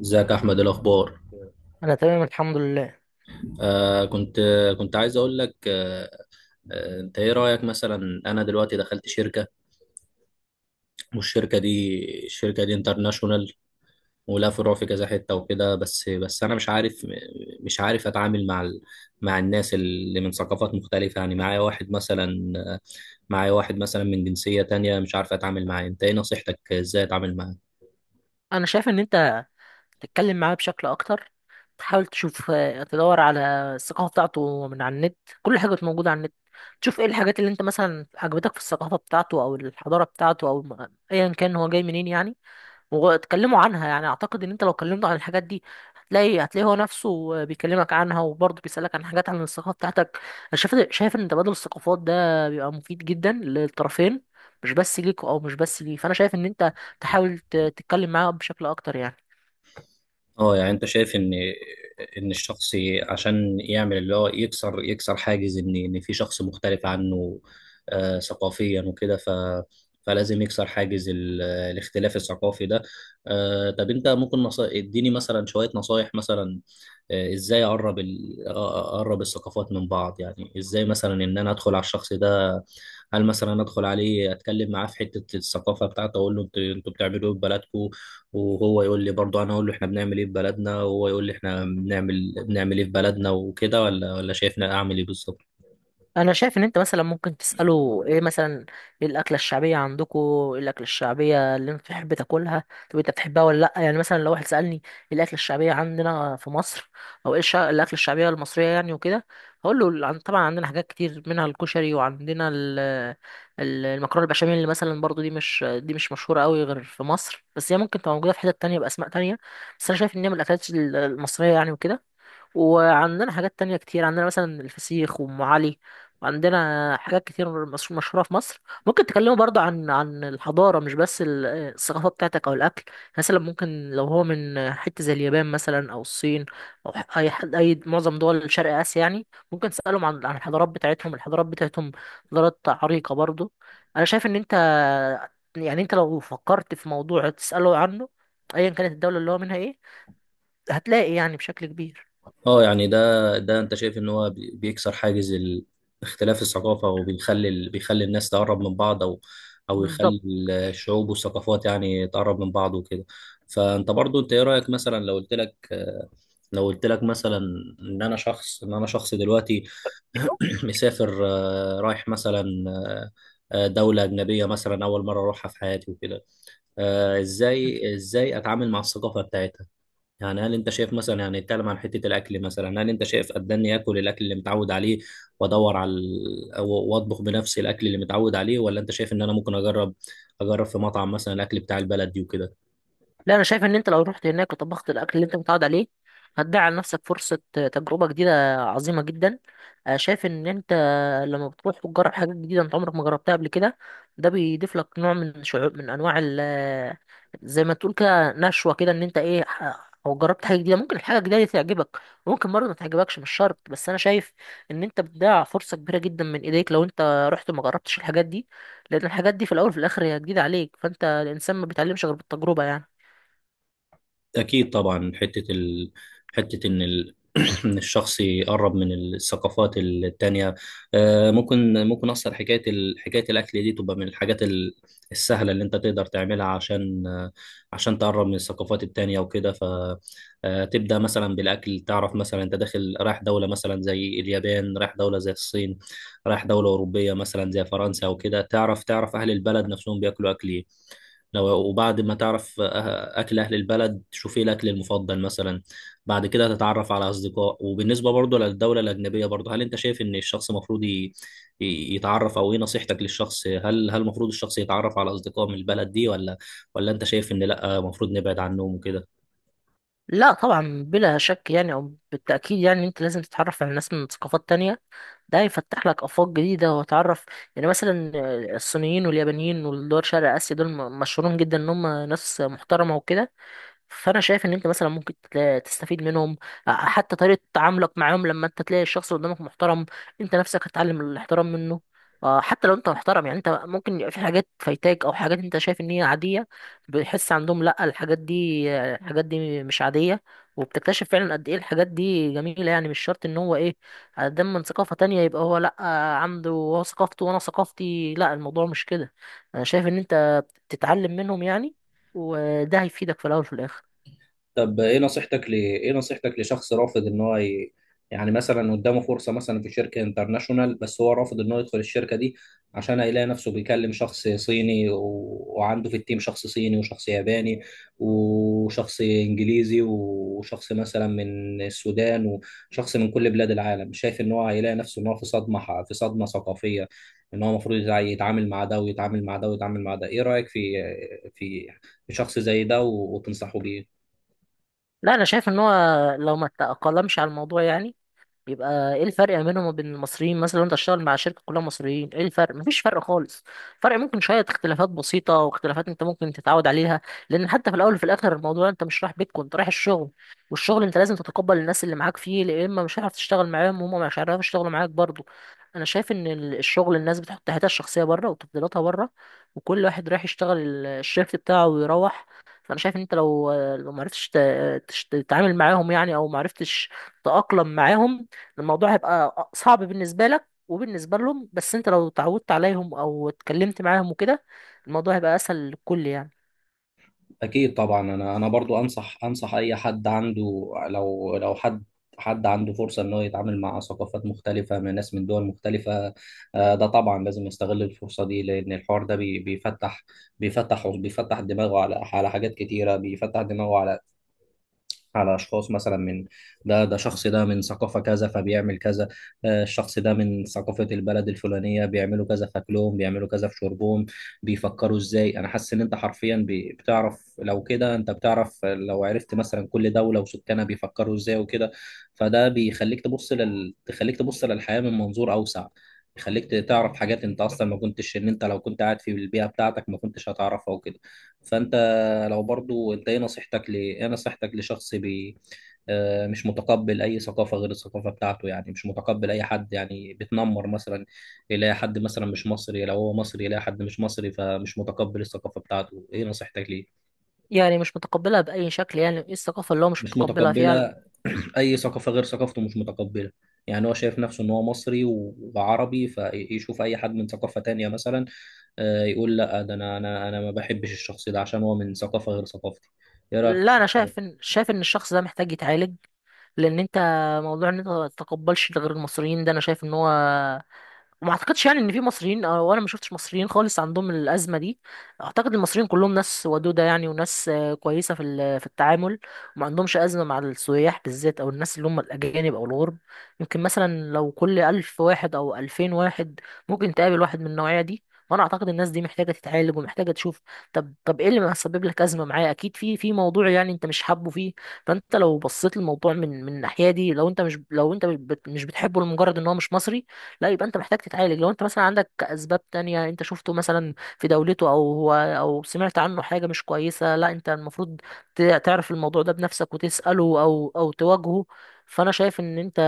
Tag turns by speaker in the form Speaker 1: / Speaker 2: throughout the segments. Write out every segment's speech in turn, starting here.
Speaker 1: ازيك يا احمد؟ إيه الاخبار؟
Speaker 2: انا تمام الحمد لله.
Speaker 1: آه كنت كنت عايز اقول لك. انت ايه رايك مثلا؟ انا دلوقتي دخلت شركه، والشركه دي الشركه دي انترناشونال، ولها فروع في كذا حته وكده. بس انا مش عارف اتعامل مع الناس اللي من ثقافات مختلفه. يعني معايا واحد مثلا من جنسيه تانية، مش عارف اتعامل معاه. انت ايه نصيحتك؟ ازاي اتعامل معاه؟
Speaker 2: انا شايف ان انت تتكلم معاه بشكل اكتر، تحاول تشوف تدور على الثقافه بتاعته من على النت. كل حاجه موجوده على النت. تشوف ايه الحاجات اللي انت مثلا عجبتك في الثقافه بتاعته او الحضاره بتاعته او ايا كان هو جاي منين يعني. واتكلموا عنها، يعني اعتقد ان انت لو كلمته عن الحاجات دي هتلاقي هو نفسه بيكلمك عنها، وبرضه بيسألك عن حاجات عن الثقافة بتاعتك. انا شايف ان تبادل الثقافات ده بيبقى مفيد جدا للطرفين، مش بس ليك او مش بس ليه. فانا شايف ان انت تحاول تتكلم معاه بشكل اكتر يعني.
Speaker 1: اه، يعني انت شايف ان الشخص، عشان يعمل اللي هو يكسر حاجز ان في شخص مختلف عنه ثقافيا وكده، فلازم يكسر حاجز الاختلاف الثقافي ده. طب انت ممكن اديني مثلا شوية نصايح مثلا. ازاي اقرب الثقافات من بعض؟ يعني ازاي مثلا ان انا ادخل على الشخص ده؟ هل مثلا ادخل عليه اتكلم معاه في حته الثقافه بتاعته، اقول له انتوا بتعملوا ايه في بلدكم؟ وهو يقول لي، برضه انا اقول له احنا بنعمل ايه في بلدنا، وهو يقول لي احنا بنعمل ايه في بلدنا وكده. ولا شايفنا اعمل ايه بالظبط؟
Speaker 2: انا شايف ان انت مثلا ممكن تساله ايه مثلا: ايه الاكله الشعبيه عندكم؟ ايه الاكله الشعبيه اللي انت بتحب تاكلها؟ طب انت بتحبها ولا لا؟ يعني مثلا لو واحد سالني: ايه الاكله الشعبيه عندنا في مصر، او ايه الاكله الشعبيه المصريه يعني، وكده هقول له طبعا عندنا حاجات كتير منها الكشري، وعندنا المكرونه البشاميل، اللي مثلا برضو دي مش مشهوره قوي غير في مصر، بس هي ممكن تبقى موجوده في حتت تانية باسماء تانية. بس انا شايف ان هي من الاكلات المصريه يعني، وكده. وعندنا حاجات تانية كتير، عندنا مثلا الفسيخ وأم علي، وعندنا حاجات كتير مشهورة في مصر. ممكن تكلموا برضو عن الحضارة، مش بس الثقافة بتاعتك أو الأكل. مثلا ممكن لو هو من حتة زي اليابان مثلا أو الصين أو أي حد، أي معظم دول شرق آسيا يعني. ممكن تسألهم عن الحضارات بتاعتهم، الحضارات بتاعتهم حضارات عريقة برضو. أنا شايف إن أنت، يعني أنت لو فكرت في موضوع تسأله عنه أيا كانت الدولة اللي هو منها، إيه، هتلاقي يعني بشكل كبير.
Speaker 1: اه، يعني ده انت شايف ان هو بيكسر حاجز اختلاف الثقافة، وبيخلي بيخلي الناس تقرب من بعض، او
Speaker 2: بالظبط.
Speaker 1: يخلي الشعوب والثقافات، يعني، تقرب من بعض وكده. فانت برضو، انت ايه رأيك؟ مثلا لو قلت لك مثلا ان انا شخص دلوقتي، مسافر، رايح مثلا، دولة أجنبية مثلا، أول مرة أروحها في حياتي وكده. إزاي أتعامل مع الثقافة بتاعتها؟ يعني هل انت شايف مثلا، يعني، نتكلم عن حته الاكل مثلا. هل انت شايف قدرني اكل الاكل اللي متعود عليه وادور على واطبخ بنفسي الاكل اللي متعود عليه، ولا انت شايف ان انا ممكن اجرب في مطعم مثلا الاكل بتاع البلد دي وكده؟
Speaker 2: لا انا شايف ان انت لو رحت هناك وطبخت الاكل اللي انت متعود عليه، هتضيع على نفسك فرصه تجربه جديده عظيمه جدا. أنا شايف ان انت لما بتروح وتجرب حاجات جديده انت عمرك ما جربتها قبل كده، ده بيضيف لك نوع من شعور، من انواع ال، زي ما تقول كده، نشوه كده، ان انت ايه، او جربت حاجه جديده، ممكن الحاجه الجديده دي تعجبك وممكن برضه ما تعجبكش، مش شرط. بس انا شايف ان انت بتضيع فرصه كبيره جدا من ايديك لو انت رحت وما جربتش الحاجات دي، لان الحاجات دي في الاول وفي الاخر هي جديده عليك، فانت الانسان ما بيتعلمش غير بالتجربه يعني.
Speaker 1: أكيد طبعا. حتة ال... حتة إن ال... إن الشخص يقرب من الثقافات التانية. ممكن أصلا حكاية الأكل دي تبقى من الحاجات السهلة اللي أنت تقدر تعملها عشان تقرب من الثقافات التانية وكده. فتبدأ مثلا بالأكل، تعرف مثلا أنت داخل رايح دولة مثلا زي اليابان، رايح دولة زي الصين، رايح دولة أوروبية مثلا زي فرنسا وكده. تعرف أهل البلد نفسهم بياكلوا أكل إيه. وبعد ما تعرف أكل أهل البلد، تشوف إيه الأكل المفضل مثلا. بعد كده تتعرف على أصدقاء. وبالنسبة برضه للدولة الأجنبية، برضه هل أنت شايف إن الشخص المفروض يتعرف، أو إيه نصيحتك للشخص؟ هل المفروض الشخص يتعرف على أصدقاء من البلد دي، ولا أنت شايف إن لأ المفروض نبعد عنهم وكده؟
Speaker 2: لا طبعا، بلا شك يعني، او بالتاكيد يعني انت لازم تتعرف على ناس من ثقافات تانية، ده هيفتح لك افاق جديده وتعرف. يعني مثلا، الصينيين واليابانيين والدول شرق اسيا دول مشهورين جدا ان هم ناس محترمه وكده. فانا شايف ان انت مثلا ممكن تستفيد منهم. حتى طريقه تعاملك معاهم، لما انت تلاقي الشخص اللي قدامك محترم، انت نفسك هتتعلم الاحترام منه. حتى لو انت محترم يعني، انت ممكن يبقى في حاجات فايتاك او حاجات انت شايف ان هي عاديه، بتحس عندهم لا الحاجات دي، الحاجات دي مش عاديه. وبتكتشف فعلا قد ايه الحاجات دي جميله يعني. مش شرط ان هو ايه، دم من ثقافه تانية يبقى هو لا، عنده هو ثقافته وانا ثقافتي، لا الموضوع مش كده. انا شايف ان انت بتتعلم منهم يعني، وده هيفيدك في الاول وفي الاخر.
Speaker 1: طب ايه نصيحتك لشخص رافض ان هو يعني مثلا قدامه فرصة مثلا في شركة انترناشونال، بس هو رافض ان هو يدخل الشركة دي عشان هيلاقي نفسه بيكلم شخص صيني وعنده في التيم شخص صيني وشخص ياباني وشخص انجليزي وشخص مثلا من السودان وشخص من كل بلاد العالم. شايف ان هو هيلاقي نفسه ان هو في صدمة ثقافية، ان هو المفروض يتعامل مع ده ويتعامل مع ده ويتعامل مع ده. ايه رأيك في في شخص زي ده وتنصحه بيه؟
Speaker 2: لا انا شايف ان هو لو ما تأقلمش على الموضوع يعني، بيبقى ايه الفرق ما بينهم وبين المصريين؟ مثلا لو انت هتشتغل مع شركه كلها مصريين ايه الفرق؟ مفيش فرق خالص. فرق ممكن شويه اختلافات بسيطه، واختلافات انت ممكن تتعود عليها، لان حتى في الاول وفي الاخر الموضوع انت مش رايح بيتكم، انت رايح الشغل، والشغل انت لازم تتقبل الناس اللي معاك فيه، لا اما مش هتعرف تشتغل معاهم وهم مش هيعرفوا يشتغلوا معاك برضو. انا شايف ان الشغل، الناس بتحط حياتها الشخصيه بره وتفضيلاتها بره، وكل واحد رايح يشتغل الشيفت بتاعه ويروح. فانا شايف ان انت لو معرفتش تتعامل معاهم يعني، او معرفتش تتاقلم معاهم، الموضوع هيبقى صعب بالنسبة لك وبالنسبة لهم، بس انت لو اتعودت عليهم او اتكلمت معاهم وكده، الموضوع هيبقى اسهل للكل يعني.
Speaker 1: اكيد طبعا. انا برضو انصح اي حد عنده، لو حد عنده فرصه انه يتعامل مع ثقافات مختلفه من ناس من دول مختلفه. ده طبعا لازم يستغل الفرصه دي، لان الحوار ده بيفتح دماغه على حاجات كتيره، بيفتح دماغه على أشخاص مثلا من... ده شخص ده من ثقافة كذا فبيعمل كذا. الشخص ده من ثقافة البلد الفلانية بيعملوا كذا في أكلهم، بيعملوا كذا في شربهم، بيفكروا إزاي. أنا حاسس إن أنت حرفيا بتعرف لو كده. أنت بتعرف لو عرفت مثلا كل دولة وسكانها بيفكروا إزاي وكده. فده تخليك تبص للحياة من منظور أوسع، يخليك تعرف حاجات انت اصلا ما كنتش ان انت لو كنت قاعد في البيئه بتاعتك ما كنتش هتعرفها وكده. فانت، لو برضو انت ايه نصيحتك ل ايه نصيحتك لشخص مش متقبل اي ثقافه غير الثقافه بتاعته، يعني مش متقبل اي حد، يعني بتنمر مثلا. يلاقي حد مثلا مش مصري، لو هو مصري يلاقي حد مش مصري فمش متقبل الثقافه بتاعته. ايه نصيحتك ليه؟
Speaker 2: يعني مش متقبلها بأي شكل يعني؟ ايه الثقافة اللي هو مش
Speaker 1: مش
Speaker 2: متقبلها فيها؟
Speaker 1: متقبله. اي ثقافه غير ثقافته مش متقبله. يعني هو شايف نفسه ان هو مصري وعربي، فيشوف اي حد من ثقافه تانية مثلا، يقول لا، ده انا ما بحبش الشخص ده عشان هو من ثقافه غير ثقافتي. ايه رايك في
Speaker 2: لا
Speaker 1: الشخص
Speaker 2: انا
Speaker 1: ده؟
Speaker 2: شايف ان الشخص ده محتاج يتعالج، لان انت، موضوع ان انت ما تتقبلش غير المصريين ده، انا شايف ان هو، وما اعتقدش يعني ان في مصريين، او انا ما شفتش مصريين خالص عندهم الازمه دي. اعتقد المصريين كلهم ناس ودوده يعني، وناس كويسه في في التعامل، وما عندهمش ازمه مع السياح بالذات او الناس اللي هم الاجانب او الغرب. يمكن مثلا لو كل 1000 واحد او 2000 واحد ممكن تقابل واحد من النوعيه دي. وانا اعتقد الناس دي محتاجه تتعالج ومحتاجه تشوف. طب ايه اللي مسبب لك ازمه معايا؟ اكيد في موضوع يعني انت مش حابه فيه. فانت لو بصيت للموضوع من الناحيه دي، لو انت مش مش بتحبه لمجرد ان هو مش مصري، لا يبقى انت محتاج تتعالج. لو انت مثلا عندك اسباب تانية، انت شفته مثلا في دولته، او هو، او سمعت عنه حاجة مش كويسة، لا انت المفروض تعرف الموضوع ده بنفسك وتسأله، او تواجهه. فانا شايف ان انت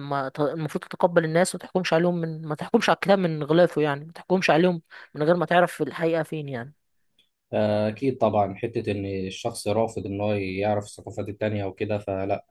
Speaker 2: ما ت- المفروض تتقبل الناس، وما تحكمش عليهم من، ما تحكمش على الكتاب من غلافه يعني، ما تحكمش عليهم من غير ما تعرف الحقيقة فين يعني.
Speaker 1: أكيد طبعا، حتة إن الشخص رافض إن هو يعرف الثقافات التانية وكده فلا.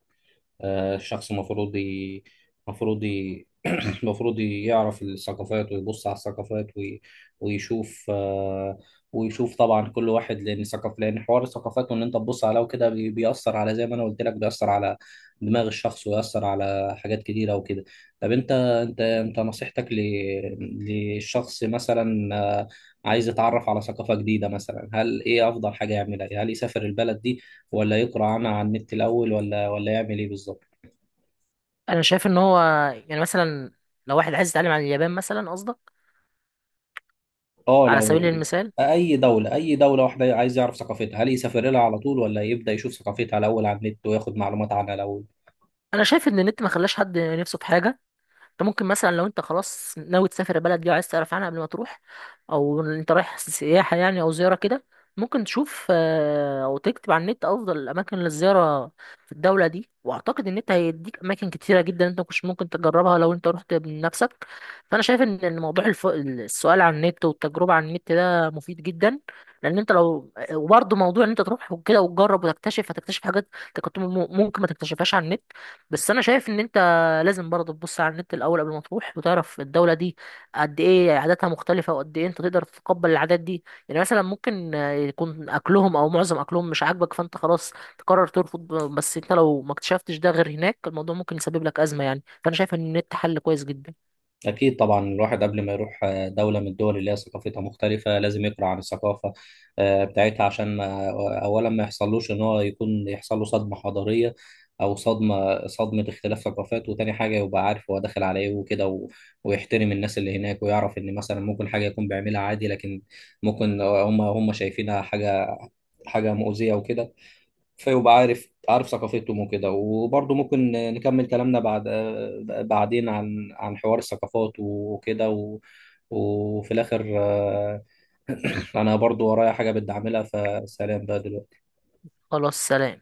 Speaker 1: الشخص المفروض المفروض ي... المفروض يعرف الثقافات، ويبص على الثقافات ويشوف طبعا كل واحد، لان حوار الثقافات وان انت تبص عليها وكده بيأثر على، زي ما انا قلت لك، بيأثر على دماغ الشخص ويأثر على حاجات كتيرة وكده. طب انت نصيحتك للشخص مثلا، عايز يتعرف على ثقافة جديدة مثلا، هل ايه افضل حاجة يعملها؟ هل يسافر البلد دي، ولا يقرأ عنها على النت الأول، ولا يعمل إيه بالظبط؟
Speaker 2: انا شايف ان هو، يعني مثلا لو واحد عايز يتعلم عن اليابان مثلا قصدك؟
Speaker 1: اه،
Speaker 2: على سبيل المثال.
Speaker 1: أي دولة واحدة عايز يعرف ثقافتها، هل يسافر لها على طول، ولا يبدأ يشوف ثقافتها الأول على النت وياخد معلومات عنها الأول؟
Speaker 2: انا شايف ان النت ما خلاش حد نفسه في حاجة. انت ممكن مثلا لو انت خلاص ناوي تسافر البلد دي وعايز تعرف عنها قبل ما تروح، او انت رايح سياحة يعني او زيارة كده، ممكن تشوف او تكتب على النت افضل الاماكن للزيارة في الدولة دي، واعتقد ان انت هيديك اماكن كتيرة جدا انت مش ممكن تجربها لو انت رحت بنفسك. فانا شايف ان إن موضوع السؤال عن النت والتجربة عن النت ده مفيد جدا، لان انت لو وبرضه موضوع ان انت تروح وكده وتجرب وتكتشف، هتكتشف حاجات انت كنت ممكن ما تكتشفهاش على النت. بس انا شايف ان انت لازم برضه تبص على النت الاول قبل ما تروح وتعرف الدوله دي قد ايه عاداتها مختلفه، وقد ايه انت تقدر تتقبل العادات دي. يعني مثلا ممكن يكون اكلهم او معظم اكلهم مش عاجبك، فانت خلاص تقرر ترفض، بس انت لو ما اكتشفتش ده غير هناك الموضوع ممكن يسبب لك ازمه يعني، فانا شايف ان النت حل كويس جدا.
Speaker 1: أكيد طبعا، الواحد قبل ما يروح دولة من الدول اللي هي ثقافتها مختلفة لازم يقرأ عن الثقافة بتاعتها، عشان ما أولا ما يحصلوش إن هو يحصل له صدمة حضارية، أو صدمة اختلاف ثقافات. وتاني حاجة يبقى عارف هو داخل على إيه وكده ويحترم الناس اللي هناك، ويعرف إن مثلا ممكن حاجة يكون بيعملها عادي، لكن ممكن هم شايفينها حاجة مؤذية وكده. فيبقى عارف ثقافتهم وكده. وبرضه ممكن نكمل كلامنا بعدين عن حوار الثقافات وكده وفي الآخر، أنا برضه ورايا حاجة بدي أعملها. فسلام بقى دلوقتي.
Speaker 2: خلاص، سلام.